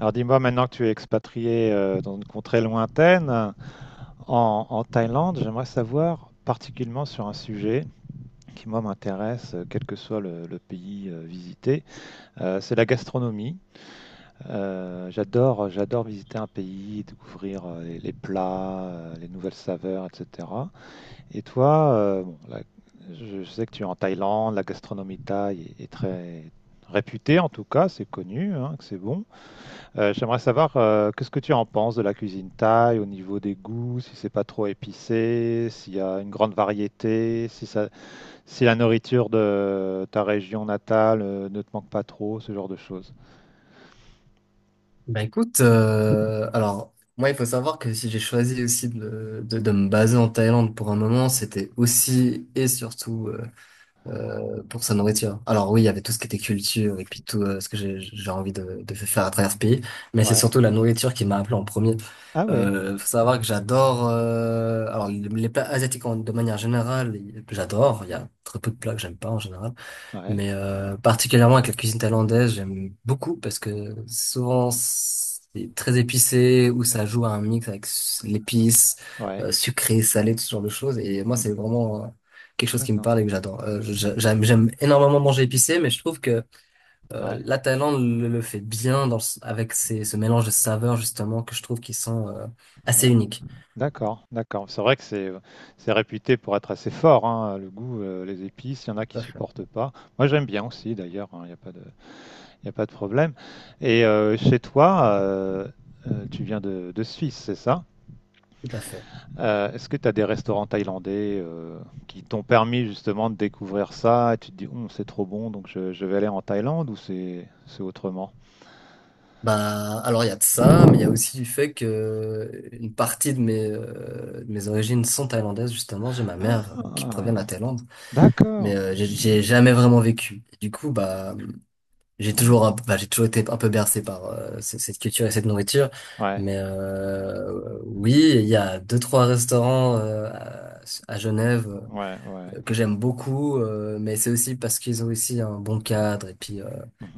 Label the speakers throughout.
Speaker 1: Alors dis-moi, maintenant que tu es expatrié, dans une contrée lointaine, en Thaïlande. J'aimerais savoir particulièrement sur un sujet qui, moi, m'intéresse, quel que soit le, pays visité, c'est la gastronomie. J'adore visiter un pays, découvrir les plats, les nouvelles saveurs, etc. Et toi, bon, je sais que tu es en Thaïlande, la gastronomie thaï est très réputée. En tout cas, c'est connu, hein, que c'est bon. J'aimerais savoir, qu'est-ce que tu en penses de la cuisine thaï au niveau des goûts, si c'est pas trop épicé, s'il y a une grande variété, si la nourriture de ta région natale ne te manque pas trop, ce genre de choses.
Speaker 2: Alors moi il faut savoir que si j'ai choisi aussi de me baser en Thaïlande pour un moment, c'était aussi et surtout pour sa nourriture. Alors oui, il y avait tout ce qui était culture et puis tout ce que j'ai envie de faire à travers ce pays, mais c'est
Speaker 1: Ouais.
Speaker 2: surtout la nourriture qui m'a appelé en premier.
Speaker 1: Ah ouais.
Speaker 2: Faut savoir que j'adore, alors les plats asiatiques de manière générale, j'adore. Il y a très peu de plats que j'aime pas en général.
Speaker 1: Ouais.
Speaker 2: Particulièrement avec la cuisine thaïlandaise, j'aime beaucoup parce que souvent c'est très épicé ou ça joue à un mix avec l'épice,
Speaker 1: Ouais.
Speaker 2: sucré, salé, tout ce genre de choses. Et moi, c'est
Speaker 1: Mhm.
Speaker 2: vraiment quelque chose qui me
Speaker 1: D'accord.
Speaker 2: parle et que j'adore. J'aime énormément manger épicé, mais je trouve que
Speaker 1: Ouais.
Speaker 2: la Thaïlande le fait bien avec ce mélange de saveurs justement que je trouve qui sont
Speaker 1: Ouais.
Speaker 2: assez uniques.
Speaker 1: D'accord. D'accord. C'est vrai que c'est réputé pour être assez fort, hein, le goût, les épices. Il y en a
Speaker 2: Tout
Speaker 1: qui
Speaker 2: à fait.
Speaker 1: supportent pas. Moi, j'aime bien aussi, d'ailleurs, hein. Il n'y a pas de problème. Et chez toi, tu viens de Suisse, c'est ça?
Speaker 2: Tout à fait.
Speaker 1: Est-ce que tu as des restaurants thaïlandais qui t'ont permis justement de découvrir ça, et tu te dis, c'est trop bon, donc je vais aller en Thaïlande, ou c'est autrement?
Speaker 2: Bah, alors il y a de ça, mais il y a aussi du fait que une partie de de mes origines sont thaïlandaises, justement. J'ai ma mère qui provient
Speaker 1: Ah,
Speaker 2: de la Thaïlande, mais
Speaker 1: d'accord.
Speaker 2: j'ai jamais vraiment vécu. Et du coup, bah, j'ai
Speaker 1: Ouais,
Speaker 2: j'ai toujours été un peu bercé par cette culture et cette nourriture.
Speaker 1: ouais,
Speaker 2: Oui, il y a deux, trois restaurants à Genève
Speaker 1: ouais, ouais.
Speaker 2: que j'aime beaucoup, mais c'est aussi parce qu'ils ont aussi un bon cadre et puis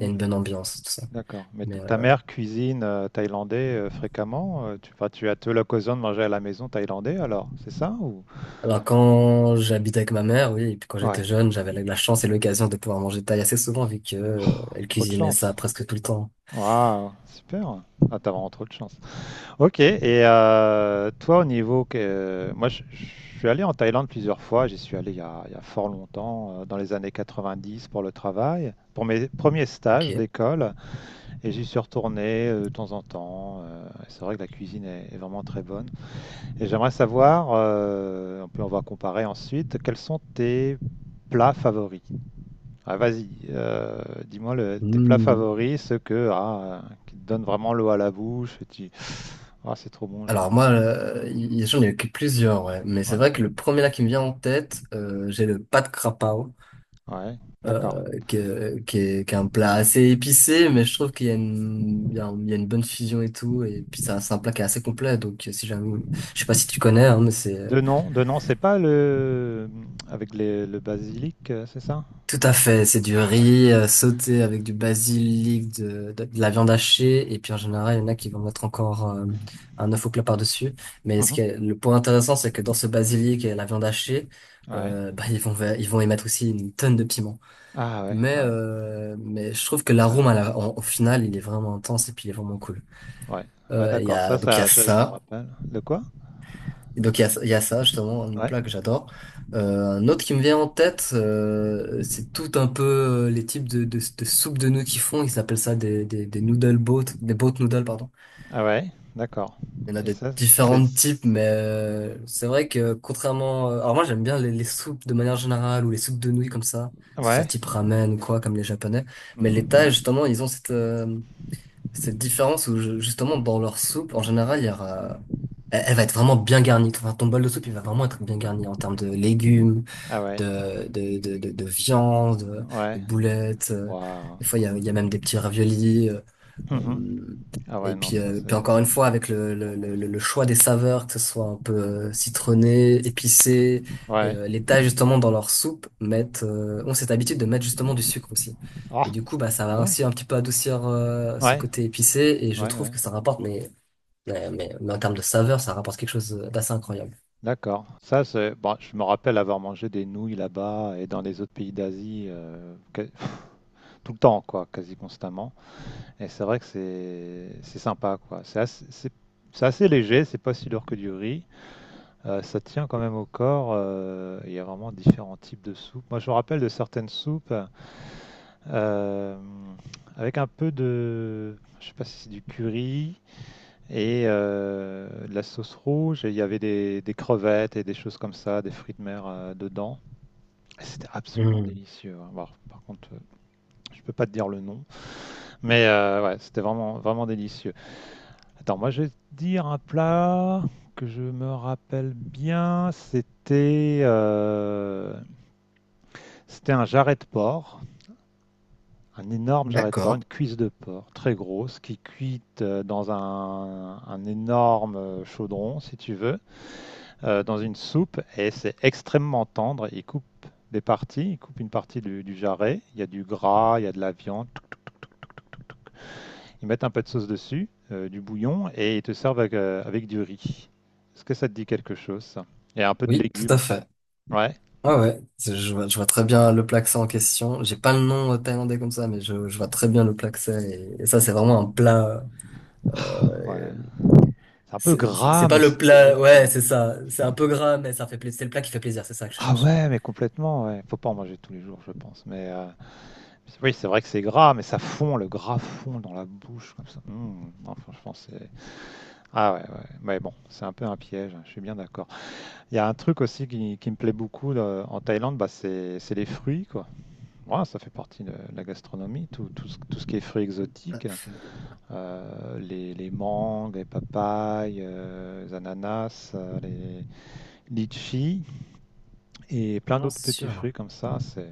Speaker 2: il y a une bonne ambiance, tout ça.
Speaker 1: D'accord. Mais ta mère cuisine thaïlandais fréquemment? Enfin, tu as l'occasion de manger à la maison thaïlandais alors, c'est ça, ou?
Speaker 2: Alors quand j'habite avec ma mère, oui, et puis quand j'étais
Speaker 1: Ouais,
Speaker 2: jeune, j'avais la chance et l'occasion de pouvoir manger thaï assez souvent vu que elle
Speaker 1: trop de
Speaker 2: cuisinait ça
Speaker 1: chance.
Speaker 2: presque tout le temps.
Speaker 1: Waouh, super. Ah, t'as vraiment trop de chance. Ok, et toi, au niveau que moi, je suis allé en Thaïlande plusieurs fois. J'y suis allé, il y a fort longtemps, dans les années 90, pour le travail, pour mes premiers stages
Speaker 2: Ok.
Speaker 1: d'école, et j'y suis retourné de temps en temps. Et c'est vrai que la cuisine est vraiment très bonne. Et j'aimerais savoir, puis on va comparer ensuite, quels sont tes plats favoris? Ah, vas-y, dis-moi tes plats
Speaker 2: Hmm.
Speaker 1: favoris, ceux ah, qui te donnent vraiment l'eau à la bouche, et tu... Ah, c'est trop bon, j'ai envie.
Speaker 2: Alors moi, j'en ai eu plusieurs, ouais. Mais c'est
Speaker 1: Ouais,
Speaker 2: vrai que le premier là qui me vient en tête, j'ai le pad krapao,
Speaker 1: ouais, d'accord.
Speaker 2: qui est, qui est un plat assez épicé, mais je trouve qu'il y a il y a il y a une bonne fusion et tout, et puis ça, c'est un plat qui est assez complet. Donc si jamais, je sais pas si tu connais, hein, mais c'est...
Speaker 1: De nom, c'est pas le avec le basilic, c'est ça?
Speaker 2: Tout à
Speaker 1: Non?
Speaker 2: fait, c'est du
Speaker 1: Ah ouais.
Speaker 2: riz sauté avec du basilic, de la viande hachée, et puis en général, il y en a qui vont mettre encore un œuf au plat par-dessus. Mais ce
Speaker 1: Mhm.
Speaker 2: qui est le point intéressant, c'est que dans ce basilic et la viande hachée,
Speaker 1: Ouais.
Speaker 2: bah, ils vont y mettre aussi une tonne de piment.
Speaker 1: Ah ouais, ah ouais,
Speaker 2: Mais je trouve que
Speaker 1: ouais,
Speaker 2: l'arôme au final, il est vraiment intense et puis il est vraiment cool.
Speaker 1: ouais, ouais, d'accord. Ça,
Speaker 2: Donc il y a
Speaker 1: ça, je, je me
Speaker 2: ça.
Speaker 1: rappelle. De quoi?
Speaker 2: Donc il y a ça justement, un
Speaker 1: Ouais.
Speaker 2: plat que j'adore. Un autre qui me vient en tête, c'est tout un peu les types de soupes de nouilles qu'ils font. Ils appellent ça des noodle boat, des boat noodles, pardon.
Speaker 1: Ah ouais, d'accord.
Speaker 2: Il y en a
Speaker 1: Et
Speaker 2: de
Speaker 1: ça, c'est,
Speaker 2: différents types, mais c'est vrai que contrairement... alors moi j'aime bien les soupes de manière générale ou les soupes de nouilles comme ça, que ce soit
Speaker 1: ouais.
Speaker 2: type ramen ou quoi, comme les japonais.
Speaker 1: Mhm.
Speaker 2: Mais les
Speaker 1: Mhm.
Speaker 2: Thaïs justement, ils ont cette... cette différence où justement dans leur soupe, en général, il y aura... Elle va être vraiment bien garnie. Enfin, ton bol de soupe, il va vraiment être bien garni en termes de légumes,
Speaker 1: Ah ouais,
Speaker 2: de viande, de
Speaker 1: ouais.
Speaker 2: boulettes.
Speaker 1: Waouh,
Speaker 2: Des fois,
Speaker 1: cool.
Speaker 2: il y a même des petits raviolis.
Speaker 1: Mhm.
Speaker 2: Euh,
Speaker 1: Ah ouais, non, ça,
Speaker 2: Puis
Speaker 1: c'est
Speaker 2: encore une fois, avec
Speaker 1: trop bon, ça.
Speaker 2: le choix des saveurs, que ce soit un peu citronné, épicé, et
Speaker 1: Ouais.
Speaker 2: les Thaïs, justement, dans leur soupe, ont cette habitude de mettre justement du sucre aussi. Et
Speaker 1: Ah,
Speaker 2: du coup, bah, ça
Speaker 1: c'est
Speaker 2: va
Speaker 1: bon.
Speaker 2: aussi un petit peu adoucir ce
Speaker 1: Ouais,
Speaker 2: côté épicé, et je
Speaker 1: ouais,
Speaker 2: trouve
Speaker 1: ouais.
Speaker 2: que ça rapporte, mais en termes de saveur, ça rapporte quelque chose d'assez incroyable.
Speaker 1: D'accord. Ça, c'est. Bon, je me rappelle avoir mangé des nouilles là-bas et dans les autres pays d'Asie, tout le temps, quoi, quasi constamment. Et c'est vrai que c'est sympa, quoi. C'est assez léger, c'est pas si lourd que du riz. Ça tient quand même au corps. Il y a vraiment différents types de soupes. Moi, je me rappelle de certaines soupes euh, avec un peu de. Je sais pas si c'est du curry. Et de la sauce rouge, et il y avait des crevettes et des choses comme ça, des fruits de mer dedans. Et c'était absolument
Speaker 2: Hmm.
Speaker 1: délicieux, hein. Bon, par contre, je peux pas te dire le nom, mais ouais, c'était vraiment, vraiment délicieux. Attends, moi je vais te dire un plat que je me rappelle bien. C'était un jarret de porc, un énorme jarret de porc, une
Speaker 2: D'accord.
Speaker 1: cuisse de porc très grosse, qui cuite dans un énorme chaudron, si tu veux, dans une soupe, et c'est extrêmement tendre. Ils coupent des parties, ils coupent une partie du jarret, il y a du gras, il y a de la viande, ils mettent un peu de sauce dessus, du bouillon, et ils te servent avec du riz. Est-ce que ça te dit quelque chose, ça? Et un peu de
Speaker 2: Oui, tout
Speaker 1: légumes
Speaker 2: à
Speaker 1: aussi.
Speaker 2: fait.
Speaker 1: Ouais.
Speaker 2: Ouais, ouais, je vois très bien le plaksé en question. J'ai pas le nom thaïlandais comme ça, je vois très bien le plaksé. Et ça, c'est vraiment un plat.
Speaker 1: Ah,
Speaker 2: Euh,
Speaker 1: ouais. C'est un peu gras,
Speaker 2: c'est pas
Speaker 1: mais c'est
Speaker 2: le
Speaker 1: trop
Speaker 2: plat.
Speaker 1: bon,
Speaker 2: Ouais,
Speaker 1: quoi.
Speaker 2: c'est ça. C'est un peu gras, mais ça fait plaisir. C'est le plat qui fait plaisir. C'est ça que je
Speaker 1: Ah
Speaker 2: cherchais.
Speaker 1: ouais, mais complètement, ouais. Faut pas en manger tous les jours, je pense. Mais oui, c'est vrai que c'est gras, mais ça fond, le gras fond dans la bouche, comme ça. Mmh. Non, franchement, c'est Ah ouais, ouais, ouais. Mais bon, c'est un peu un piège, hein, je suis bien d'accord. Il y a un truc aussi qui me plaît beaucoup là, en Thaïlande, bah, c'est les fruits, quoi. Ouais, ça fait partie de la gastronomie, tout ce qui est fruits exotiques, hein. Les mangues, les papayes, les ananas, les litchis, et
Speaker 2: Non,
Speaker 1: plein
Speaker 2: non,
Speaker 1: d'autres
Speaker 2: c'est
Speaker 1: petits
Speaker 2: sûr.
Speaker 1: fruits comme ça. C'est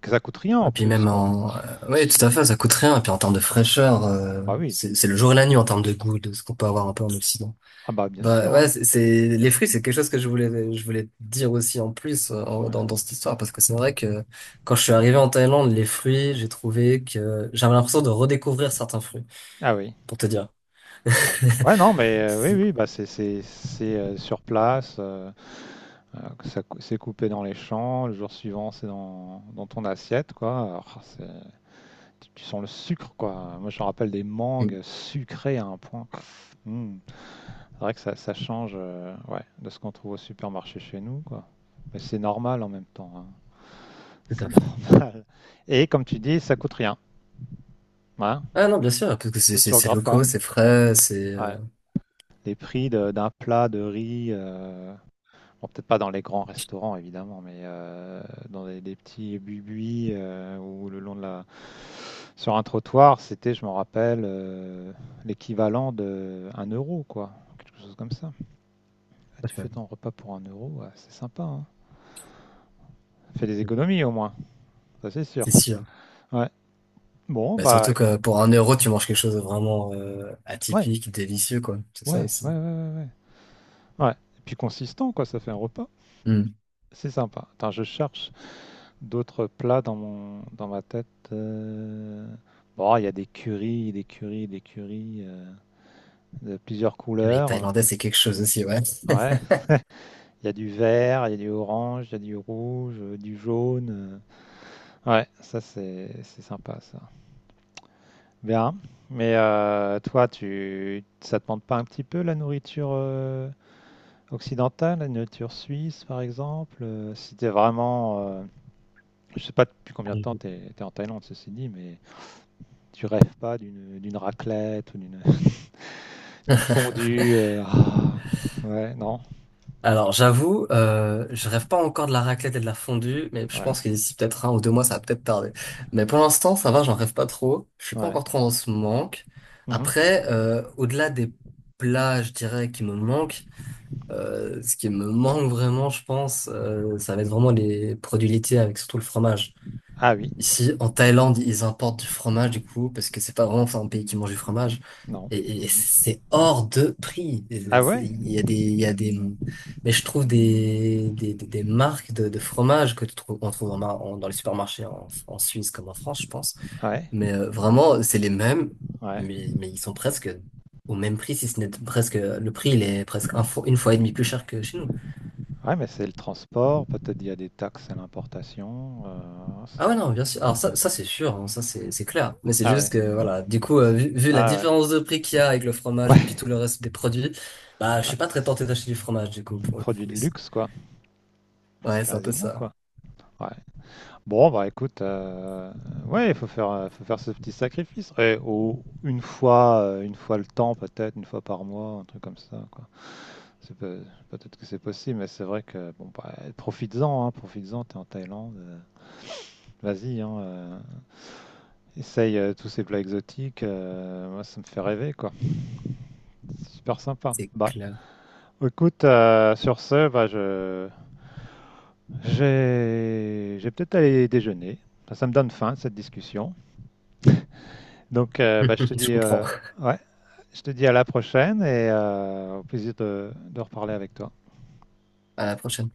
Speaker 1: que ça coûte rien,
Speaker 2: Et
Speaker 1: en
Speaker 2: puis
Speaker 1: plus,
Speaker 2: même
Speaker 1: quoi.
Speaker 2: en. Ouais, tout à fait. Ça coûte rien. Et puis en termes de fraîcheur,
Speaker 1: Bah oui,
Speaker 2: c'est le jour et la nuit en termes de goût de ce qu'on peut avoir un peu en Occident.
Speaker 1: ah bah bien
Speaker 2: Bah
Speaker 1: sûr,
Speaker 2: ouais,
Speaker 1: hein.
Speaker 2: les fruits, c'est quelque chose que je voulais te dire aussi en plus euh, en-
Speaker 1: Ouais.
Speaker 2: dans dans cette histoire parce que c'est vrai que quand je suis arrivé en Thaïlande, les fruits, j'ai trouvé que j'avais l'impression de redécouvrir certains fruits
Speaker 1: Ah oui.
Speaker 2: pour te dire.
Speaker 1: Ouais, ouais, non, mais oui,
Speaker 2: C'est...
Speaker 1: oui, bah c'est sur place. C'est coupé dans les champs, le jour suivant c'est dans ton assiette, quoi. Alors, tu sens le sucre, quoi. Moi, je me rappelle des
Speaker 2: Mm.
Speaker 1: mangues sucrées à un point. Hmm. C'est vrai que ça change, ouais, de ce qu'on trouve au supermarché chez nous, quoi. Mais c'est normal en même temps, hein.
Speaker 2: Tout à
Speaker 1: C'est
Speaker 2: fait.
Speaker 1: normal. Et comme tu dis, ça coûte rien. Hein.
Speaker 2: Ah non, bien sûr, parce que c'est
Speaker 1: Tu,
Speaker 2: c'est
Speaker 1: tu
Speaker 2: c'est
Speaker 1: regardes pas.
Speaker 2: locaux, c'est frais, c'est
Speaker 1: Ouais. Les prix d'un plat de riz, bon, peut-être pas dans les grands restaurants, évidemment, mais dans des petits buis ou le long de la... Sur un trottoir, c'était, je m'en rappelle, l'équivalent de 1 euro, quoi. Quelque chose comme ça. Ah,
Speaker 2: tout à
Speaker 1: tu fais
Speaker 2: fait.
Speaker 1: ton repas pour 1 euro, ouais, c'est sympa, hein. Fais des
Speaker 2: Mm.
Speaker 1: économies, au moins. Ça, c'est sûr.
Speaker 2: C'est sûr.
Speaker 1: Ouais. Bon,
Speaker 2: Bah
Speaker 1: bah,
Speaker 2: surtout
Speaker 1: écoute,
Speaker 2: que pour un euro, tu manges quelque chose de vraiment
Speaker 1: ouais.
Speaker 2: atypique, délicieux quoi. C'est ça
Speaker 1: Ouais, ouais,
Speaker 2: aussi.
Speaker 1: ouais, ouais, ouais. Ouais. Ouais. Et puis consistant, quoi, ça fait un repas.
Speaker 2: Mm.
Speaker 1: C'est sympa. Attends, je cherche... D'autres plats dans mon dans ma tête. Bon, il y a des currys, des currys, des currys, de plusieurs
Speaker 2: Les
Speaker 1: couleurs.
Speaker 2: Thaïlandais, c'est quelque chose aussi, ouais.
Speaker 1: Ouais, il y a du vert, il y a du orange, il y a du rouge, du jaune. Ouais, ça, c'est sympa, ça. Bien. Mais toi, tu ça te manque pas un petit peu, la nourriture occidentale, la nourriture suisse par exemple? Si t'es vraiment, je sais pas depuis combien de temps
Speaker 2: Allez-y.
Speaker 1: t'es en Thaïlande, ceci dit, mais tu rêves pas d'une raclette ou d'une d'une fondue. Ah, ouais, non.
Speaker 2: Alors, j'avoue, je rêve pas encore de la raclette et de la fondue, mais je
Speaker 1: Ouais,
Speaker 2: pense que d'ici peut-être un ou deux mois, ça va peut-être tarder. Mais pour l'instant, ça va, j'en rêve pas trop. Je suis pas
Speaker 1: ouais.
Speaker 2: encore trop dans ce manque.
Speaker 1: Mhm.
Speaker 2: Après, au-delà des plats, je dirais, qui me manquent, ce qui me manque vraiment, je pense, ça va être vraiment les produits laitiers avec surtout le fromage.
Speaker 1: Ah oui,
Speaker 2: Ici, en Thaïlande, ils importent du fromage, du coup, parce que c'est pas vraiment enfin, un pays qui mange du fromage.
Speaker 1: non.
Speaker 2: Et
Speaker 1: Mhm.
Speaker 2: c'est hors de prix.
Speaker 1: Ah ouais,
Speaker 2: Il y a des, mais je trouve des marques de fromage que tu trouves, on trouve dans les supermarchés en Suisse comme en France, je pense.
Speaker 1: ouais,
Speaker 2: Vraiment, c'est les mêmes,
Speaker 1: ouais.
Speaker 2: mais ils sont presque au même prix, si ce n'est presque, le prix, il est presque un une fois et demie plus cher que chez nous.
Speaker 1: Ouais, mais c'est le transport. Peut-être il y a des taxes à l'importation.
Speaker 2: Ah ouais, non, bien sûr. Alors
Speaker 1: Ouais.
Speaker 2: ça c'est sûr, hein, ça c'est clair. Mais c'est
Speaker 1: Ah
Speaker 2: juste
Speaker 1: ouais,
Speaker 2: que, voilà, du coup, vu la
Speaker 1: ah ouais.
Speaker 2: différence de prix qu'il y a avec le fromage et puis tout le reste des produits, bah, je
Speaker 1: Ouais, ouais,
Speaker 2: suis pas très
Speaker 1: c'est
Speaker 2: tenté d'acheter du fromage, du coup, pour le
Speaker 1: produit
Speaker 2: coup,
Speaker 1: de
Speaker 2: ici.
Speaker 1: luxe, quoi.
Speaker 2: Ouais, c'est un peu
Speaker 1: Quasiment,
Speaker 2: ça.
Speaker 1: quoi. Ouais. Bon, bah écoute, ouais, faut faire ce petit sacrifice. Et une fois le temps, peut-être, une fois par mois, un truc comme ça, quoi. C'est peut-être que c'est possible, mais c'est vrai que bon, bah, profites-en, hein, profites-en, t'es en Thaïlande, vas-y, hein, essaye tous ces plats exotiques, moi ça me fait rêver, quoi. C'est super sympa.
Speaker 2: C'est
Speaker 1: Bah,
Speaker 2: clair.
Speaker 1: écoute, sur ce, bah, j'ai peut-être aller déjeuner, ça me donne faim, cette discussion. Donc, bah,
Speaker 2: Je comprends.
Speaker 1: ouais, je te dis à la prochaine, et au plaisir de reparler avec toi.
Speaker 2: À la prochaine.